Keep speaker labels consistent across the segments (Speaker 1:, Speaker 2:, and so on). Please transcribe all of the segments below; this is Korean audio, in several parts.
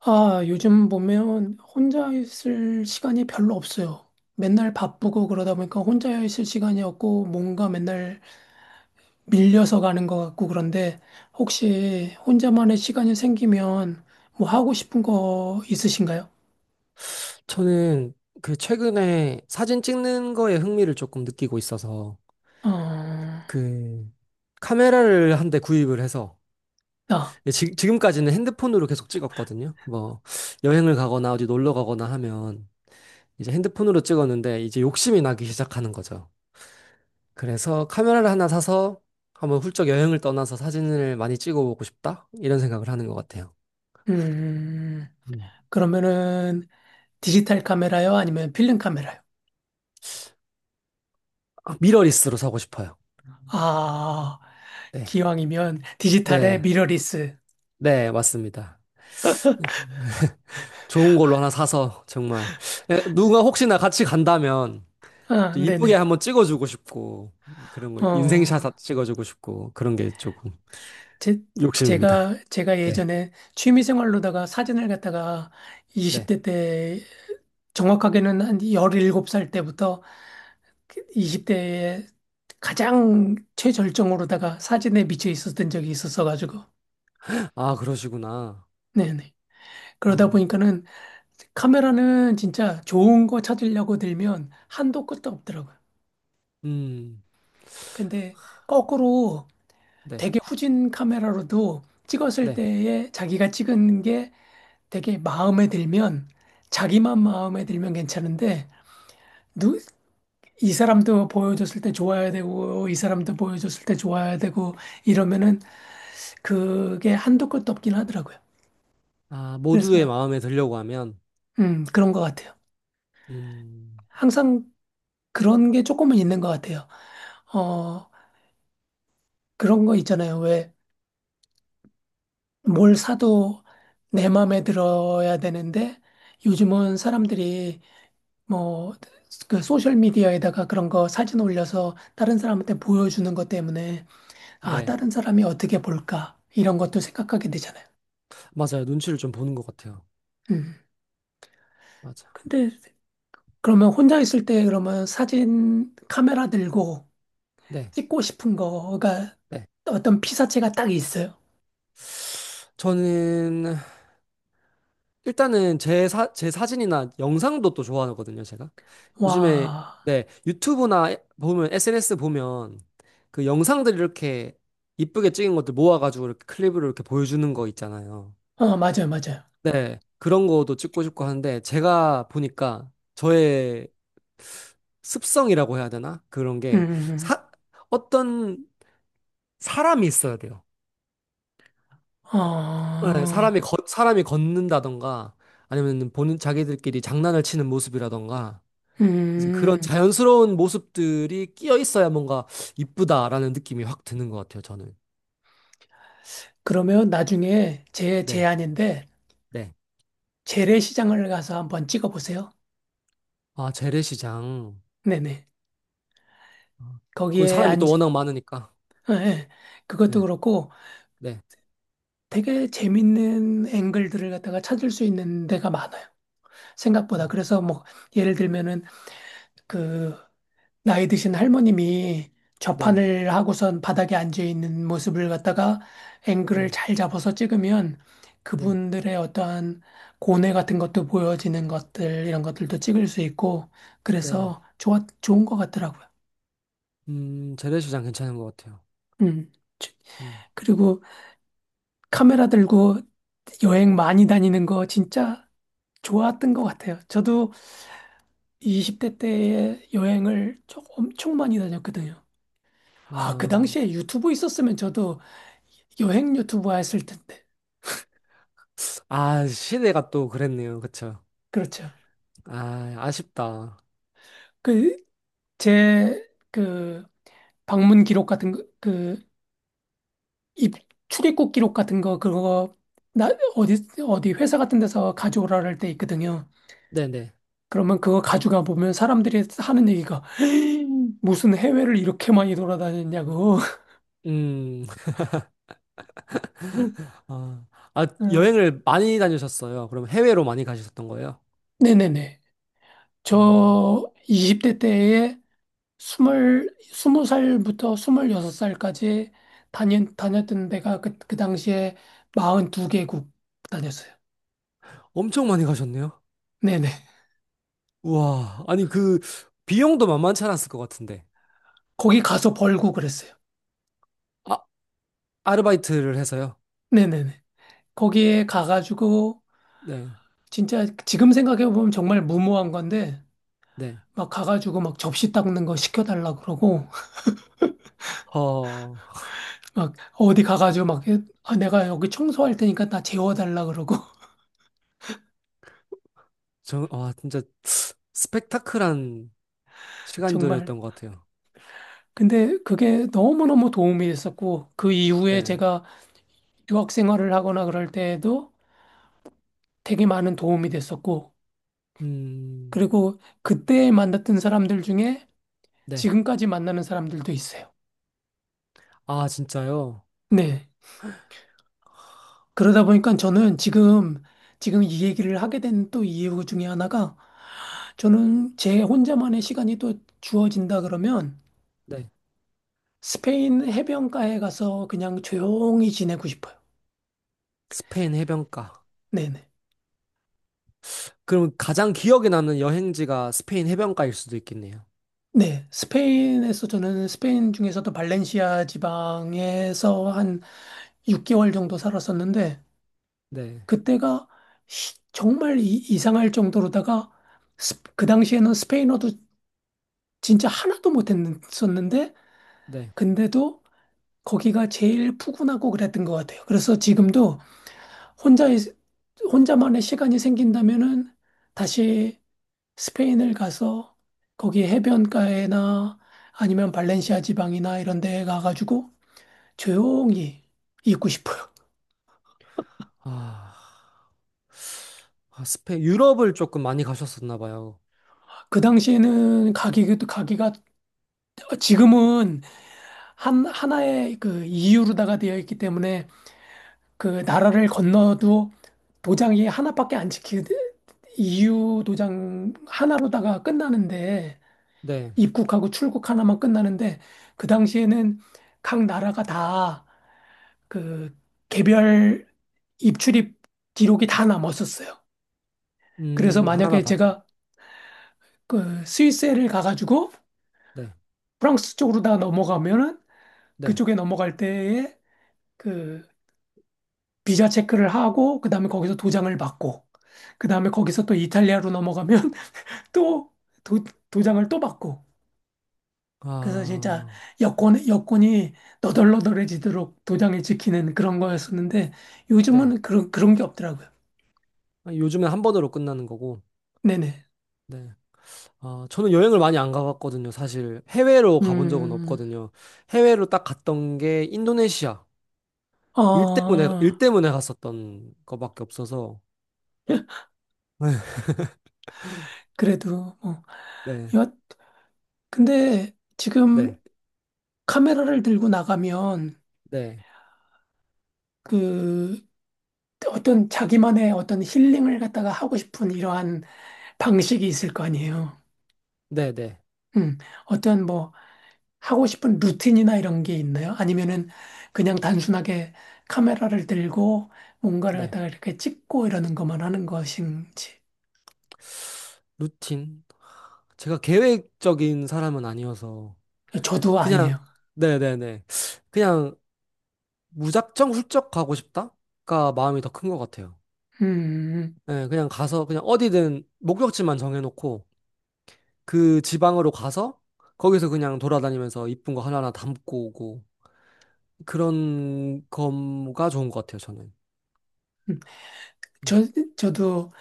Speaker 1: 아, 요즘 보면 혼자 있을 시간이 별로 없어요. 맨날 바쁘고 그러다 보니까 혼자 있을 시간이 없고 뭔가 맨날 밀려서 가는 것 같고 그런데 혹시 혼자만의 시간이 생기면 뭐 하고 싶은 거 있으신가요?
Speaker 2: 저는 최근에 사진 찍는 거에 흥미를 조금 느끼고 있어서
Speaker 1: 어,
Speaker 2: 그 카메라를 한 대 구입을 해서
Speaker 1: 나,
Speaker 2: 네, 지금까지는 핸드폰으로 계속 찍었거든요. 뭐 여행을 가거나 어디 놀러 가거나 하면 이제 핸드폰으로 찍었는데 이제 욕심이 나기 시작하는 거죠. 그래서 카메라를 하나 사서 한번 훌쩍 여행을 떠나서 사진을 많이 찍어보고 싶다? 이런 생각을 하는 것 같아요.
Speaker 1: 음,
Speaker 2: 음.
Speaker 1: 그러면은 디지털 카메라요? 아니면 필름 카메라요?
Speaker 2: 아, 미러리스로 사고 싶어요.
Speaker 1: 아,
Speaker 2: 네.
Speaker 1: 기왕이면 디지털의
Speaker 2: 네.
Speaker 1: 미러리스.
Speaker 2: 네, 맞습니다. 좋은 걸로 하나 사서 정말 누가 혹시나 같이 간다면
Speaker 1: 아,
Speaker 2: 또 이쁘게
Speaker 1: 네네.
Speaker 2: 한번 찍어주고 싶고 그런 거
Speaker 1: 어,
Speaker 2: 인생샷 찍어주고 싶고 그런 게 조금
Speaker 1: 제,
Speaker 2: 욕심입니다.
Speaker 1: 제가
Speaker 2: 네.
Speaker 1: 예전에 취미생활로다가 사진을 갖다가
Speaker 2: 네.
Speaker 1: 20대 때, 정확하게는 한 17살 때부터 20대에 가장 최절정으로다가 사진에 미쳐 있었던 적이 있었어가지고.
Speaker 2: 아, 그러시구나.
Speaker 1: 네네. 그러다
Speaker 2: 어,
Speaker 1: 보니까는 카메라는 진짜 좋은 거 찾으려고 들면 한도 끝도 없더라고요.
Speaker 2: 음,
Speaker 1: 근데 거꾸로
Speaker 2: 네,
Speaker 1: 되게 후진 카메라로도 찍었을
Speaker 2: 네.
Speaker 1: 때에 자기가 찍은 게 되게 마음에 들면 자기만 마음에 들면 괜찮은데 누, 이 사람도 보여줬을 때 좋아야 되고 이 사람도 보여줬을 때 좋아야 되고 이러면은 그게 한도 끝도 없긴 하더라고요.
Speaker 2: 아, 모두의
Speaker 1: 그래서
Speaker 2: 마음에 들려고 하면,
Speaker 1: 그런 것 같아요.
Speaker 2: 음,
Speaker 1: 항상 그런 게 조금은 있는 것 같아요. 어 그런 거 있잖아요. 뭘 사도 내 마음에 들어야 되는데 요즘은 사람들이 뭐 그 소셜 미디어에다가 그런 거 사진 올려서 다른 사람한테 보여주는 것 때문에 아,
Speaker 2: 네.
Speaker 1: 다른 사람이 어떻게 볼까? 이런 것도 생각하게 되잖아요.
Speaker 2: 맞아요. 눈치를 좀 보는 것 같아요.
Speaker 1: 음.
Speaker 2: 맞아.
Speaker 1: 근데 그러면 혼자 있을 때 그러면 사진 카메라 들고
Speaker 2: 네,
Speaker 1: 찍고 싶은 거가
Speaker 2: 네.
Speaker 1: 어떤 피사체가 딱 있어요.
Speaker 2: 저는 일단은 제 사진이나 영상도 또 좋아하거든요, 제가. 요즘에,
Speaker 1: 와.
Speaker 2: 네, 유튜브나 보면, SNS 보면 그 영상들 이렇게 이쁘게 찍은 것들 모아가지고 이렇게 클립으로 이렇게 보여주는 거 있잖아요.
Speaker 1: 어, 맞아요, 맞아요.
Speaker 2: 네, 그런 거도 찍고 싶고 하는데 제가 보니까 저의 습성이라고 해야 되나? 그런
Speaker 1: 음.
Speaker 2: 게 사, 어떤 사람이 있어야 돼요. 네,
Speaker 1: 어.
Speaker 2: 사람이 걷는다던가 아니면 본인 자기들끼리 장난을 치는 모습이라던가 이제 그런
Speaker 1: 음.
Speaker 2: 자연스러운 모습들이 끼어 있어야 뭔가 이쁘다라는 느낌이 확 드는 것 같아요, 저는.
Speaker 1: 그러면 나중에 제
Speaker 2: 네,
Speaker 1: 제안인데
Speaker 2: 네.
Speaker 1: 재래시장을 가서 한번 찍어보세요.
Speaker 2: 아, 재래시장.
Speaker 1: 네네.
Speaker 2: 아, 그건
Speaker 1: 거기에
Speaker 2: 사람이
Speaker 1: 안,
Speaker 2: 또 워낙 많으니까.
Speaker 1: 예, 예. 그것도
Speaker 2: 네,
Speaker 1: 그렇고
Speaker 2: 네.
Speaker 1: 되게 재밌는 앵글들을 갖다가 찾을 수 있는 데가 많아요. 생각보다.
Speaker 2: 아,
Speaker 1: 그래서 뭐 예를 들면은 그 나이 드신 할머님이
Speaker 2: 네,
Speaker 1: 좌판을 하고선 바닥에 앉아 있는 모습을 갖다가
Speaker 2: 네,
Speaker 1: 앵글을 잘 잡아서 찍으면
Speaker 2: 네,
Speaker 1: 그분들의 어떠한 고뇌 같은 것도 보여지는 것들, 이런 것들도 찍을 수 있고,
Speaker 2: 네.
Speaker 1: 그래서 좋은 것 같더라고요.
Speaker 2: 재래시장 괜찮은 것 같아요.
Speaker 1: 음. 저-
Speaker 2: 음.
Speaker 1: 그리고 카메라 들고 여행 많이 다니는 거 진짜 좋았던 것 같아요. 저도 20대 때 여행을 좀 엄청 많이 다녔거든요. 아, 그
Speaker 2: 아,
Speaker 1: 당시에 유튜브 있었으면 저도 여행 유튜브 했을 텐데.
Speaker 2: 아, 시내가 또 그랬네요. 그쵸?
Speaker 1: 그렇죠.
Speaker 2: 아, 아쉽다.
Speaker 1: 그, 제, 그, 방문 기록 같은 거, 그, 입, 출입국 기록 같은 거, 그거, 나, 어디, 어디 회사 같은 데서 가져오라 할 때 있거든요.
Speaker 2: 네네.
Speaker 1: 그러면 그거 가져가 보면 사람들이 하는 얘기가, 무슨 해외를 이렇게 많이 돌아다녔냐고.
Speaker 2: 음, 아, 아,
Speaker 1: 어,
Speaker 2: 여행을 많이 다니셨어요. 그럼 해외로 많이 가셨던 거예요?
Speaker 1: 네네네.
Speaker 2: 아,
Speaker 1: 저 20대 때에 스무 살부터 스물여섯 살까지 다녔던 데가 그, 그 당시에 42개국 다녔어요.
Speaker 2: 엄청 많이 가셨네요.
Speaker 1: 네네.
Speaker 2: 우와, 아니 그 비용도 만만치 않았을 것 같은데.
Speaker 1: 거기 가서 벌고 그랬어요.
Speaker 2: 아, 아르바이트를 해서요?
Speaker 1: 네네네. 거기에 가가지고,
Speaker 2: 네,
Speaker 1: 진짜 지금 생각해보면 정말 무모한 건데,
Speaker 2: 네.
Speaker 1: 막 가가지고 막 접시 닦는 거 시켜달라 그러고,
Speaker 2: 어
Speaker 1: 막 어디 가가지고 막, 아, 내가 여기 청소할 테니까 나 재워달라 그러고,
Speaker 2: 저, 와, 진짜 스펙타클한
Speaker 1: 정말.
Speaker 2: 시간들이었던 것 같아요.
Speaker 1: 근데 그게 너무너무 도움이 됐었고, 그 이후에
Speaker 2: 네,
Speaker 1: 제가 유학 생활을 하거나 그럴 때에도 되게 많은 도움이 됐었고,
Speaker 2: 음,
Speaker 1: 그리고 그때 만났던 사람들 중에
Speaker 2: 네.
Speaker 1: 지금까지 만나는 사람들도 있어요.
Speaker 2: 아, 진짜요?
Speaker 1: 네. 그러다 보니까 저는 지금 이 얘기를 하게 된 또 이유 중에 하나가 저는 제 혼자만의 시간이 또 주어진다 그러면
Speaker 2: 네.
Speaker 1: 스페인 해변가에 가서 그냥 조용히 지내고 싶어요.
Speaker 2: 스페인 해변가.
Speaker 1: 네네.
Speaker 2: 그럼 가장 기억에 남는 여행지가 스페인 해변가일 수도 있겠네요.
Speaker 1: 네. 스페인에서 저는 스페인 중에서도 발렌시아 지방에서 한 6개월 정도 살았었는데
Speaker 2: 네,
Speaker 1: 그때가 정말 이상할 정도로다가 그 당시에는 스페인어도 진짜 하나도 못했었는데
Speaker 2: 네.
Speaker 1: 근데도 거기가 제일 푸근하고 그랬던 것 같아요. 그래서 지금도 혼자 혼자만의 시간이 생긴다면은 다시 스페인을 가서 거기 해변가에나 아니면 발렌시아 지방이나 이런 데 가가지고 조용히 있고 싶어요.
Speaker 2: 아, 아, 스페인, 유럽을 조금 많이 가셨었나 봐요.
Speaker 1: 그 당시에는 가기도 가기가 지금은 하나의 그 이유로다가 되어 있기 때문에 그 나라를 건너도 도장이 하나밖에 안 찍히, 이유 도장 하나로다가 끝나는데
Speaker 2: 네,
Speaker 1: 입국하고 출국 하나만 끝나는데 그 당시에는 각 나라가 다 그 개별 입출입 기록이 다 남았었어요. 그래서
Speaker 2: 하나하나
Speaker 1: 만약에
Speaker 2: 다 좀.
Speaker 1: 제가 그 스위스를 가가지고
Speaker 2: 네.
Speaker 1: 프랑스 쪽으로다 넘어가면은
Speaker 2: 네.
Speaker 1: 그쪽에 넘어갈 때에 그 비자 체크를 하고 그다음에 거기서 도장을 받고 그다음에 거기서 또 이탈리아로 넘어가면 또 도, 도장을 또 받고 그래서 진짜
Speaker 2: 아,
Speaker 1: 여권이 너덜너덜해지도록 도장을 지키는 그런 거였었는데
Speaker 2: 네.
Speaker 1: 요즘은 그런 게 없더라고요.
Speaker 2: 요즘에 한 번으로 끝나는 거고.
Speaker 1: 네네.
Speaker 2: 네. 아, 저는 여행을 많이 안 가봤거든요. 사실 해외로 가본 적은
Speaker 1: 음.
Speaker 2: 없거든요. 해외로 딱 갔던 게 인도네시아. 일 때문에
Speaker 1: 어,
Speaker 2: 일 때문에 갔었던 거밖에 없어서.
Speaker 1: 그래도 뭐
Speaker 2: 네.
Speaker 1: 여, 근데 지금
Speaker 2: 네.
Speaker 1: 카메라를 들고 나가면
Speaker 2: 네.
Speaker 1: 그 어떤 자기만의 어떤 힐링을 갖다가 하고 싶은 이러한 방식이 있을 거 아니에요.
Speaker 2: 네, 네.
Speaker 1: 음, 어떤 뭐 하고 싶은 루틴이나 이런 게 있나요? 아니면은 그냥 단순하게 카메라를 들고 뭔가를
Speaker 2: 네.
Speaker 1: 갖다가 이렇게 찍고 이러는 것만 하는 것인지.
Speaker 2: 루틴. 제가 계획적인 사람은 아니어서
Speaker 1: 저도
Speaker 2: 그냥
Speaker 1: 아니에요.
Speaker 2: 네, 네, 네. 그냥 무작정 훌쩍 가고 싶다가 마음이 더 큰 것 같아요.
Speaker 1: 음, 음.
Speaker 2: 예, 그냥 가서 그냥 어디든 목적지만 정해놓고 그 지방으로 가서 거기서 그냥 돌아다니면서 이쁜 거 하나하나 담고 오고 그런 거가 좋은 것 같아요, 저는.
Speaker 1: 음.
Speaker 2: 음.
Speaker 1: 저, 저도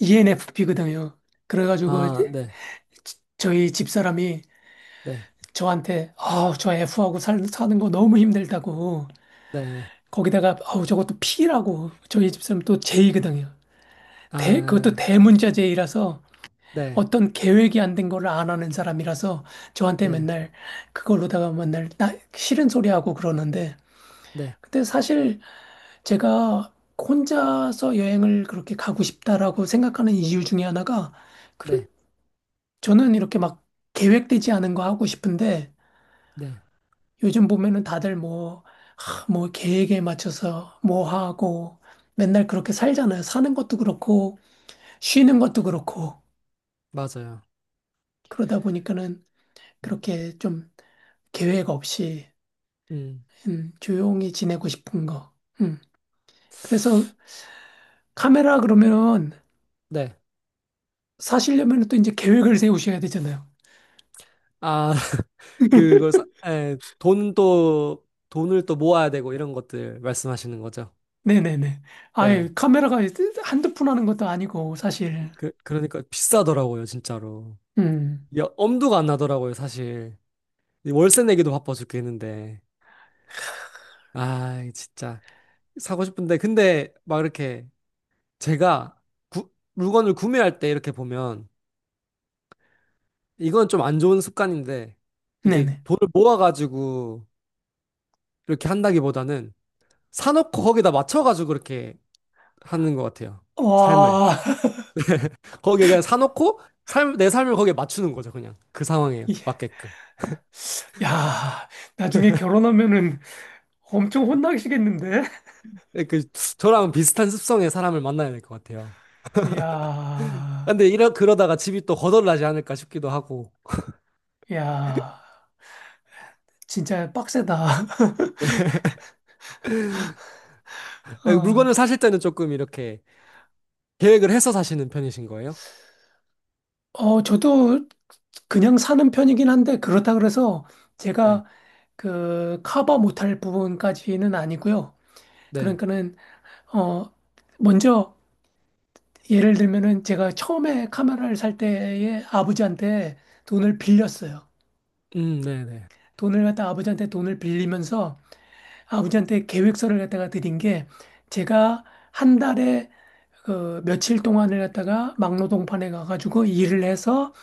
Speaker 1: ENFP거든요. 그래가지고
Speaker 2: 아,
Speaker 1: 이제
Speaker 2: 네,
Speaker 1: 저희 집사람이
Speaker 2: 네,
Speaker 1: 저한테, 아, 저 F하고 사는 거 너무 힘들다고.
Speaker 2: 네,
Speaker 1: 거기다가, 아우, 저것도 P라고. 저희 집사람 또 J거든요. 그것도
Speaker 2: 아,
Speaker 1: 대문자 J라서
Speaker 2: 네,
Speaker 1: 어떤 계획이 안 된 거를 안 하는 사람이라서 저한테
Speaker 2: 네,
Speaker 1: 맨날 그걸로다가 맨날 나 싫은 소리 하고 그러는데
Speaker 2: 네,
Speaker 1: 근데 사실 제가 혼자서 여행을 그렇게 가고 싶다라고 생각하는 이유 중에 하나가 그
Speaker 2: 네,
Speaker 1: 저는 이렇게 막 계획되지 않은 거 하고 싶은데
Speaker 2: 네,
Speaker 1: 요즘 보면은 다들 뭐, 하, 뭐 계획에 맞춰서 뭐 하고 맨날 그렇게 살잖아요. 사는 것도 그렇고 쉬는 것도 그렇고
Speaker 2: 맞아요.
Speaker 1: 그러다 보니까는
Speaker 2: 음,
Speaker 1: 그렇게 좀 계획 없이
Speaker 2: 음,
Speaker 1: 조용히 지내고 싶은 거. 음. 그래서 카메라 그러면
Speaker 2: 네.
Speaker 1: 사시려면 또 이제 계획을 세우셔야 되잖아요.
Speaker 2: 아, 그거, 돈 또, 돈을 또 모아야 되고 이런 것들 말씀하시는 거죠?
Speaker 1: 네네네. 아예
Speaker 2: 네.
Speaker 1: 카메라가 한두 푼 하는 것도 아니고, 사실.
Speaker 2: 그, 그러니까 비싸더라고요, 진짜로.
Speaker 1: 음,
Speaker 2: 야, 엄두가 안 나더라고요, 사실. 이 월세 내기도 바빠 죽겠는데. 아, 진짜. 사고 싶은데. 근데 막 이렇게 제가 물건을 구매할 때 이렇게 보면 이건 좀 안 좋은 습관인데 이게
Speaker 1: 네네.
Speaker 2: 돈을 모아가지고 이렇게 한다기보다는 사놓고 거기다 맞춰가지고 그렇게 하는 것 같아요. 삶을.
Speaker 1: 와,
Speaker 2: 거기에 그냥 사놓고 내 삶을 거기에 맞추는 거죠, 그냥. 그 상황에
Speaker 1: 이-
Speaker 2: 맞게끔.
Speaker 1: 야, 나중에 결혼하면은 엄청 혼나시겠는데?
Speaker 2: 네, 저랑 비슷한 습성의 사람을 만나야 될 것 같아요.
Speaker 1: 야,
Speaker 2: 근데 이러 그러다가 집이 또 거덜나지 않을까 싶기도 하고
Speaker 1: 야, 진짜 빡세다.
Speaker 2: 아,
Speaker 1: 어,
Speaker 2: 물건을 사실 때는 조금 이렇게 계획을 해서 사시는 편이신 거예요?
Speaker 1: 어, 저도 그냥 사는 편이긴 한데 그렇다 그래서
Speaker 2: 네.
Speaker 1: 제가 그 커버 못할 부분까지는 아니고요.
Speaker 2: 네.
Speaker 1: 그러니까는 어 먼저 예를 들면은 제가 처음에 카메라를 살 때에 아버지한테 돈을 빌렸어요.
Speaker 2: 네, 네.
Speaker 1: 돈을 갖다 아버지한테 돈을 빌리면서 아버지한테 계획서를 갖다가 드린 게 제가 한 달에 그 며칠 동안을 갖다가 막노동판에 가가지고 일을 해서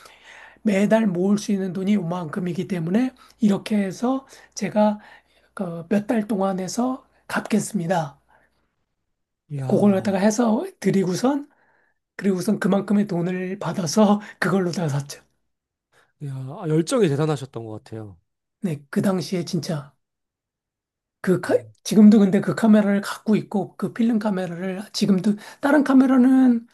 Speaker 1: 매달 모을 수 있는 돈이 요만큼이기 때문에 이렇게 해서 제가 그 몇 달 동안 해서 갚겠습니다. 그걸 갖다가
Speaker 2: 이야,
Speaker 1: 해서 드리고선 그리고선 그만큼의 돈을 받아서 그걸로 다 샀죠.
Speaker 2: 이야, 아, 열정이 대단하셨던 것 같아요.
Speaker 1: 네, 그 당시에 진짜 그 카-
Speaker 2: 음,
Speaker 1: 지금도 근데 그 카메라를 갖고 있고 그 필름 카메라를 지금도 다른 카메라는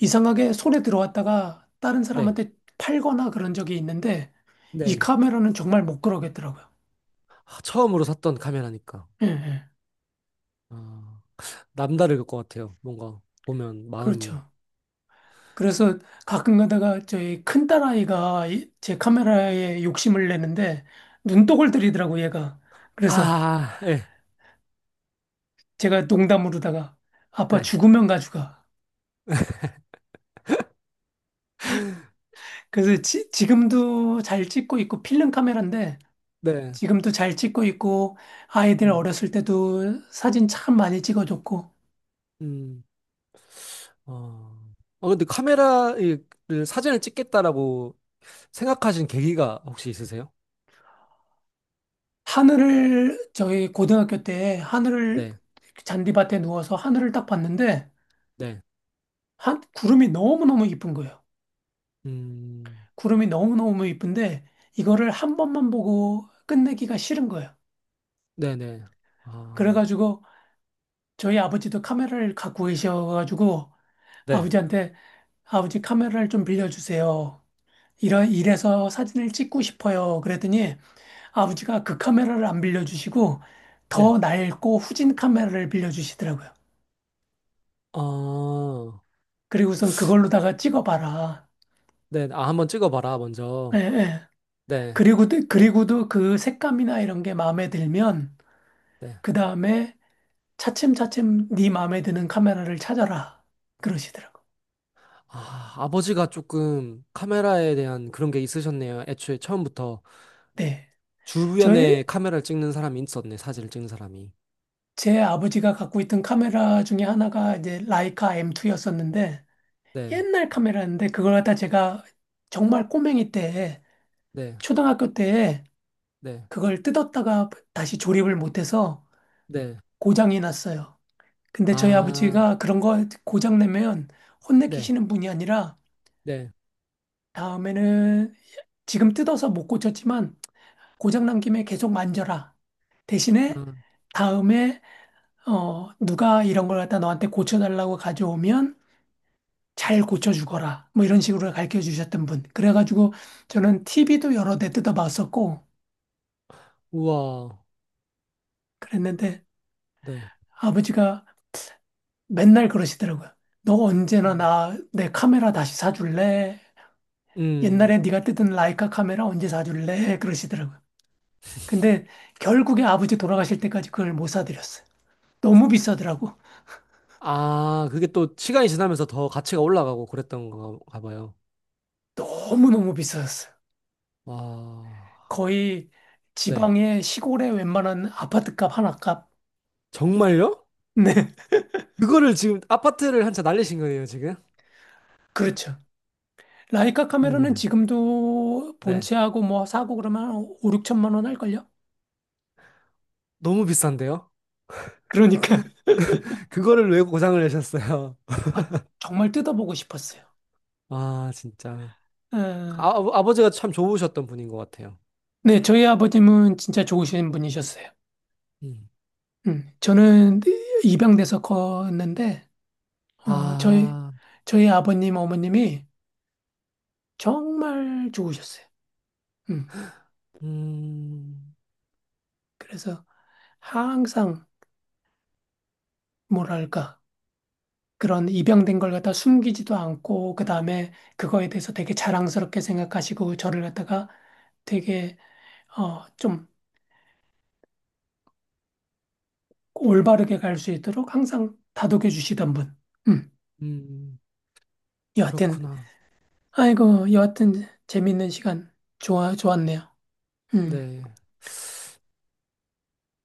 Speaker 1: 이상하게 손에 들어왔다가 다른
Speaker 2: 네,
Speaker 1: 사람한테 팔거나 그런 적이 있는데 이
Speaker 2: 네.
Speaker 1: 카메라는 정말 못 그러겠더라고요.
Speaker 2: 아, 처음으로 샀던 카메라니까
Speaker 1: 예, 예.
Speaker 2: 아, 남다를 것 같아요. 뭔가 보면 마음이
Speaker 1: 그렇죠. 그래서 가끔 가다가 저희 큰딸아이가 제 카메라에 욕심을 내는데 눈독을 들이더라고 얘가. 그래서
Speaker 2: 아, 예,
Speaker 1: 제가 농담으로다가 아빠
Speaker 2: 네,
Speaker 1: 죽으면 가져가. 그래서 지금도 잘 찍고 있고 필름 카메라인데
Speaker 2: 네.
Speaker 1: 지금도 잘 찍고 있고 아이들
Speaker 2: 음,
Speaker 1: 어렸을 때도 사진 참 많이 찍어줬고
Speaker 2: 음. 어, 아, 근데 카메라를 사진을 찍겠다라고 생각하신 계기가 혹시 있으세요?
Speaker 1: 하늘을 저희 고등학교 때 하늘을
Speaker 2: 네.
Speaker 1: 잔디밭에 누워서 하늘을 딱 봤는데
Speaker 2: 네.
Speaker 1: 한 구름이 너무너무 이쁜 거예요.
Speaker 2: 음,
Speaker 1: 구름이 너무너무 이쁜데 이거를 한 번만 보고 끝내기가 싫은 거예요.
Speaker 2: 네네. 아,
Speaker 1: 그래가지고 저희 아버지도 카메라를 갖고 계셔가지고
Speaker 2: 네.
Speaker 1: 아버지한테 아버지 카메라를 좀 빌려주세요. 이래서 사진을 찍고 싶어요. 그랬더니 아버지가 그 카메라를 안 빌려주시고
Speaker 2: 네.
Speaker 1: 더 낡고 후진 카메라를 빌려주시더라고요.
Speaker 2: 아,
Speaker 1: 그리고선 그걸로다가 찍어봐라.
Speaker 2: 네. 아, 한번 찍어봐라,
Speaker 1: 예,
Speaker 2: 먼저.
Speaker 1: 예.
Speaker 2: 네.
Speaker 1: 그리고도 그 색감이나 이런 게 마음에 들면
Speaker 2: 네.
Speaker 1: 그 다음에 차츰차츰 네 마음에 드는 카메라를 찾아라. 그러시더라고.
Speaker 2: 아, 아버지가 조금 카메라에 대한 그런 게 있으셨네요. 애초에 처음부터
Speaker 1: 네.
Speaker 2: 주변에
Speaker 1: 저의,
Speaker 2: 카메라를 찍는 사람이 있었네, 사진을 찍는 사람이.
Speaker 1: 제 아버지가 갖고 있던 카메라 중에 하나가 이제 라이카 M2였었는데
Speaker 2: 네.
Speaker 1: 옛날 카메라였는데 그걸 갖다 제가 정말 꼬맹이 때,
Speaker 2: 네.
Speaker 1: 초등학교 때
Speaker 2: 네.
Speaker 1: 그걸 뜯었다가 다시 조립을 못해서
Speaker 2: 네.
Speaker 1: 고장이 났어요. 근데 저희
Speaker 2: 아,
Speaker 1: 아버지가 그런 거 고장 내면
Speaker 2: 네.
Speaker 1: 혼내키시는 분이 아니라
Speaker 2: 네.
Speaker 1: 다음에는 지금 뜯어서 못 고쳤지만 고장 난 김에 계속 만져라. 대신에
Speaker 2: 아,
Speaker 1: 다음에 어 누가 이런 걸 갖다 너한테 고쳐달라고 가져오면 잘 고쳐주거라. 뭐 이런 식으로 가르쳐 주셨던 분. 그래가지고 저는 TV도 여러 대 뜯어봤었고
Speaker 2: 우와.
Speaker 1: 그랬는데
Speaker 2: 네.
Speaker 1: 아버지가 맨날 그러시더라고요. 너 언제나
Speaker 2: 음.
Speaker 1: 나 내 카메라 다시 사줄래?
Speaker 2: 음.
Speaker 1: 옛날에 네가 뜯은 라이카 카메라 언제 사줄래? 그러시더라고요. 근데 결국에 아버지 돌아가실 때까지 그걸 못 사드렸어요. 너무 비싸더라고.
Speaker 2: 아, 그게 또 시간이 지나면서 더 가치가 올라가고 그랬던 건가 봐요.
Speaker 1: 너무너무 비싸졌어요.
Speaker 2: 와,
Speaker 1: 거의
Speaker 2: 네.
Speaker 1: 지방의 시골의 웬만한 아파트값 하나 값.
Speaker 2: 정말요?
Speaker 1: 네,
Speaker 2: 그거를 지금 아파트를 한 채 날리신 거예요, 지금?
Speaker 1: 그렇죠. 라이카 카메라는
Speaker 2: 이야.
Speaker 1: 지금도
Speaker 2: 네.
Speaker 1: 본체하고 뭐 사고 그러면 한 5, 6천만 원 할걸요?
Speaker 2: 너무 비싼데요?
Speaker 1: 그러니까.
Speaker 2: 그거를 왜 고장을 내셨어요?
Speaker 1: 아, 정말 뜯어보고 싶었어요.
Speaker 2: 아, 진짜.
Speaker 1: 어,
Speaker 2: 아, 아버지가 참 좋으셨던 분인 것 같아요.
Speaker 1: 네, 저희 아버님은 진짜 좋으신 분이셨어요.
Speaker 2: 음.
Speaker 1: 저는 입양돼서 컸는데, 어,
Speaker 2: 아,
Speaker 1: 저희 아버님, 어머님이 정말 좋으셨어요. 음,
Speaker 2: 음,
Speaker 1: 그래서 항상, 뭐랄까, 그런 입양된 걸 갖다 숨기지도 않고 그다음에 그거에 대해서 되게 자랑스럽게 생각하시고 저를 갖다가 되게 좀 올바르게 갈 수 있도록 항상 다독여 주시던 분. 음.
Speaker 2: 음,
Speaker 1: 여하튼
Speaker 2: 그렇구나.
Speaker 1: 아이고 여하튼 재밌는 시간 좋아 좋았네요. 음.
Speaker 2: 네.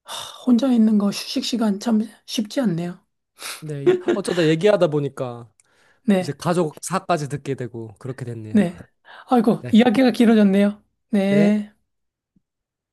Speaker 1: 하, 혼자 있는 거 휴식 시간 참 쉽지 않네요.
Speaker 2: 네. 어쩌다 얘기하다 보니까 이제
Speaker 1: 네.
Speaker 2: 가족사까지 듣게 되고 그렇게 됐네요.
Speaker 1: 네. 아이고
Speaker 2: 네.
Speaker 1: 이야기가 길어졌네요.
Speaker 2: 네.
Speaker 1: 네.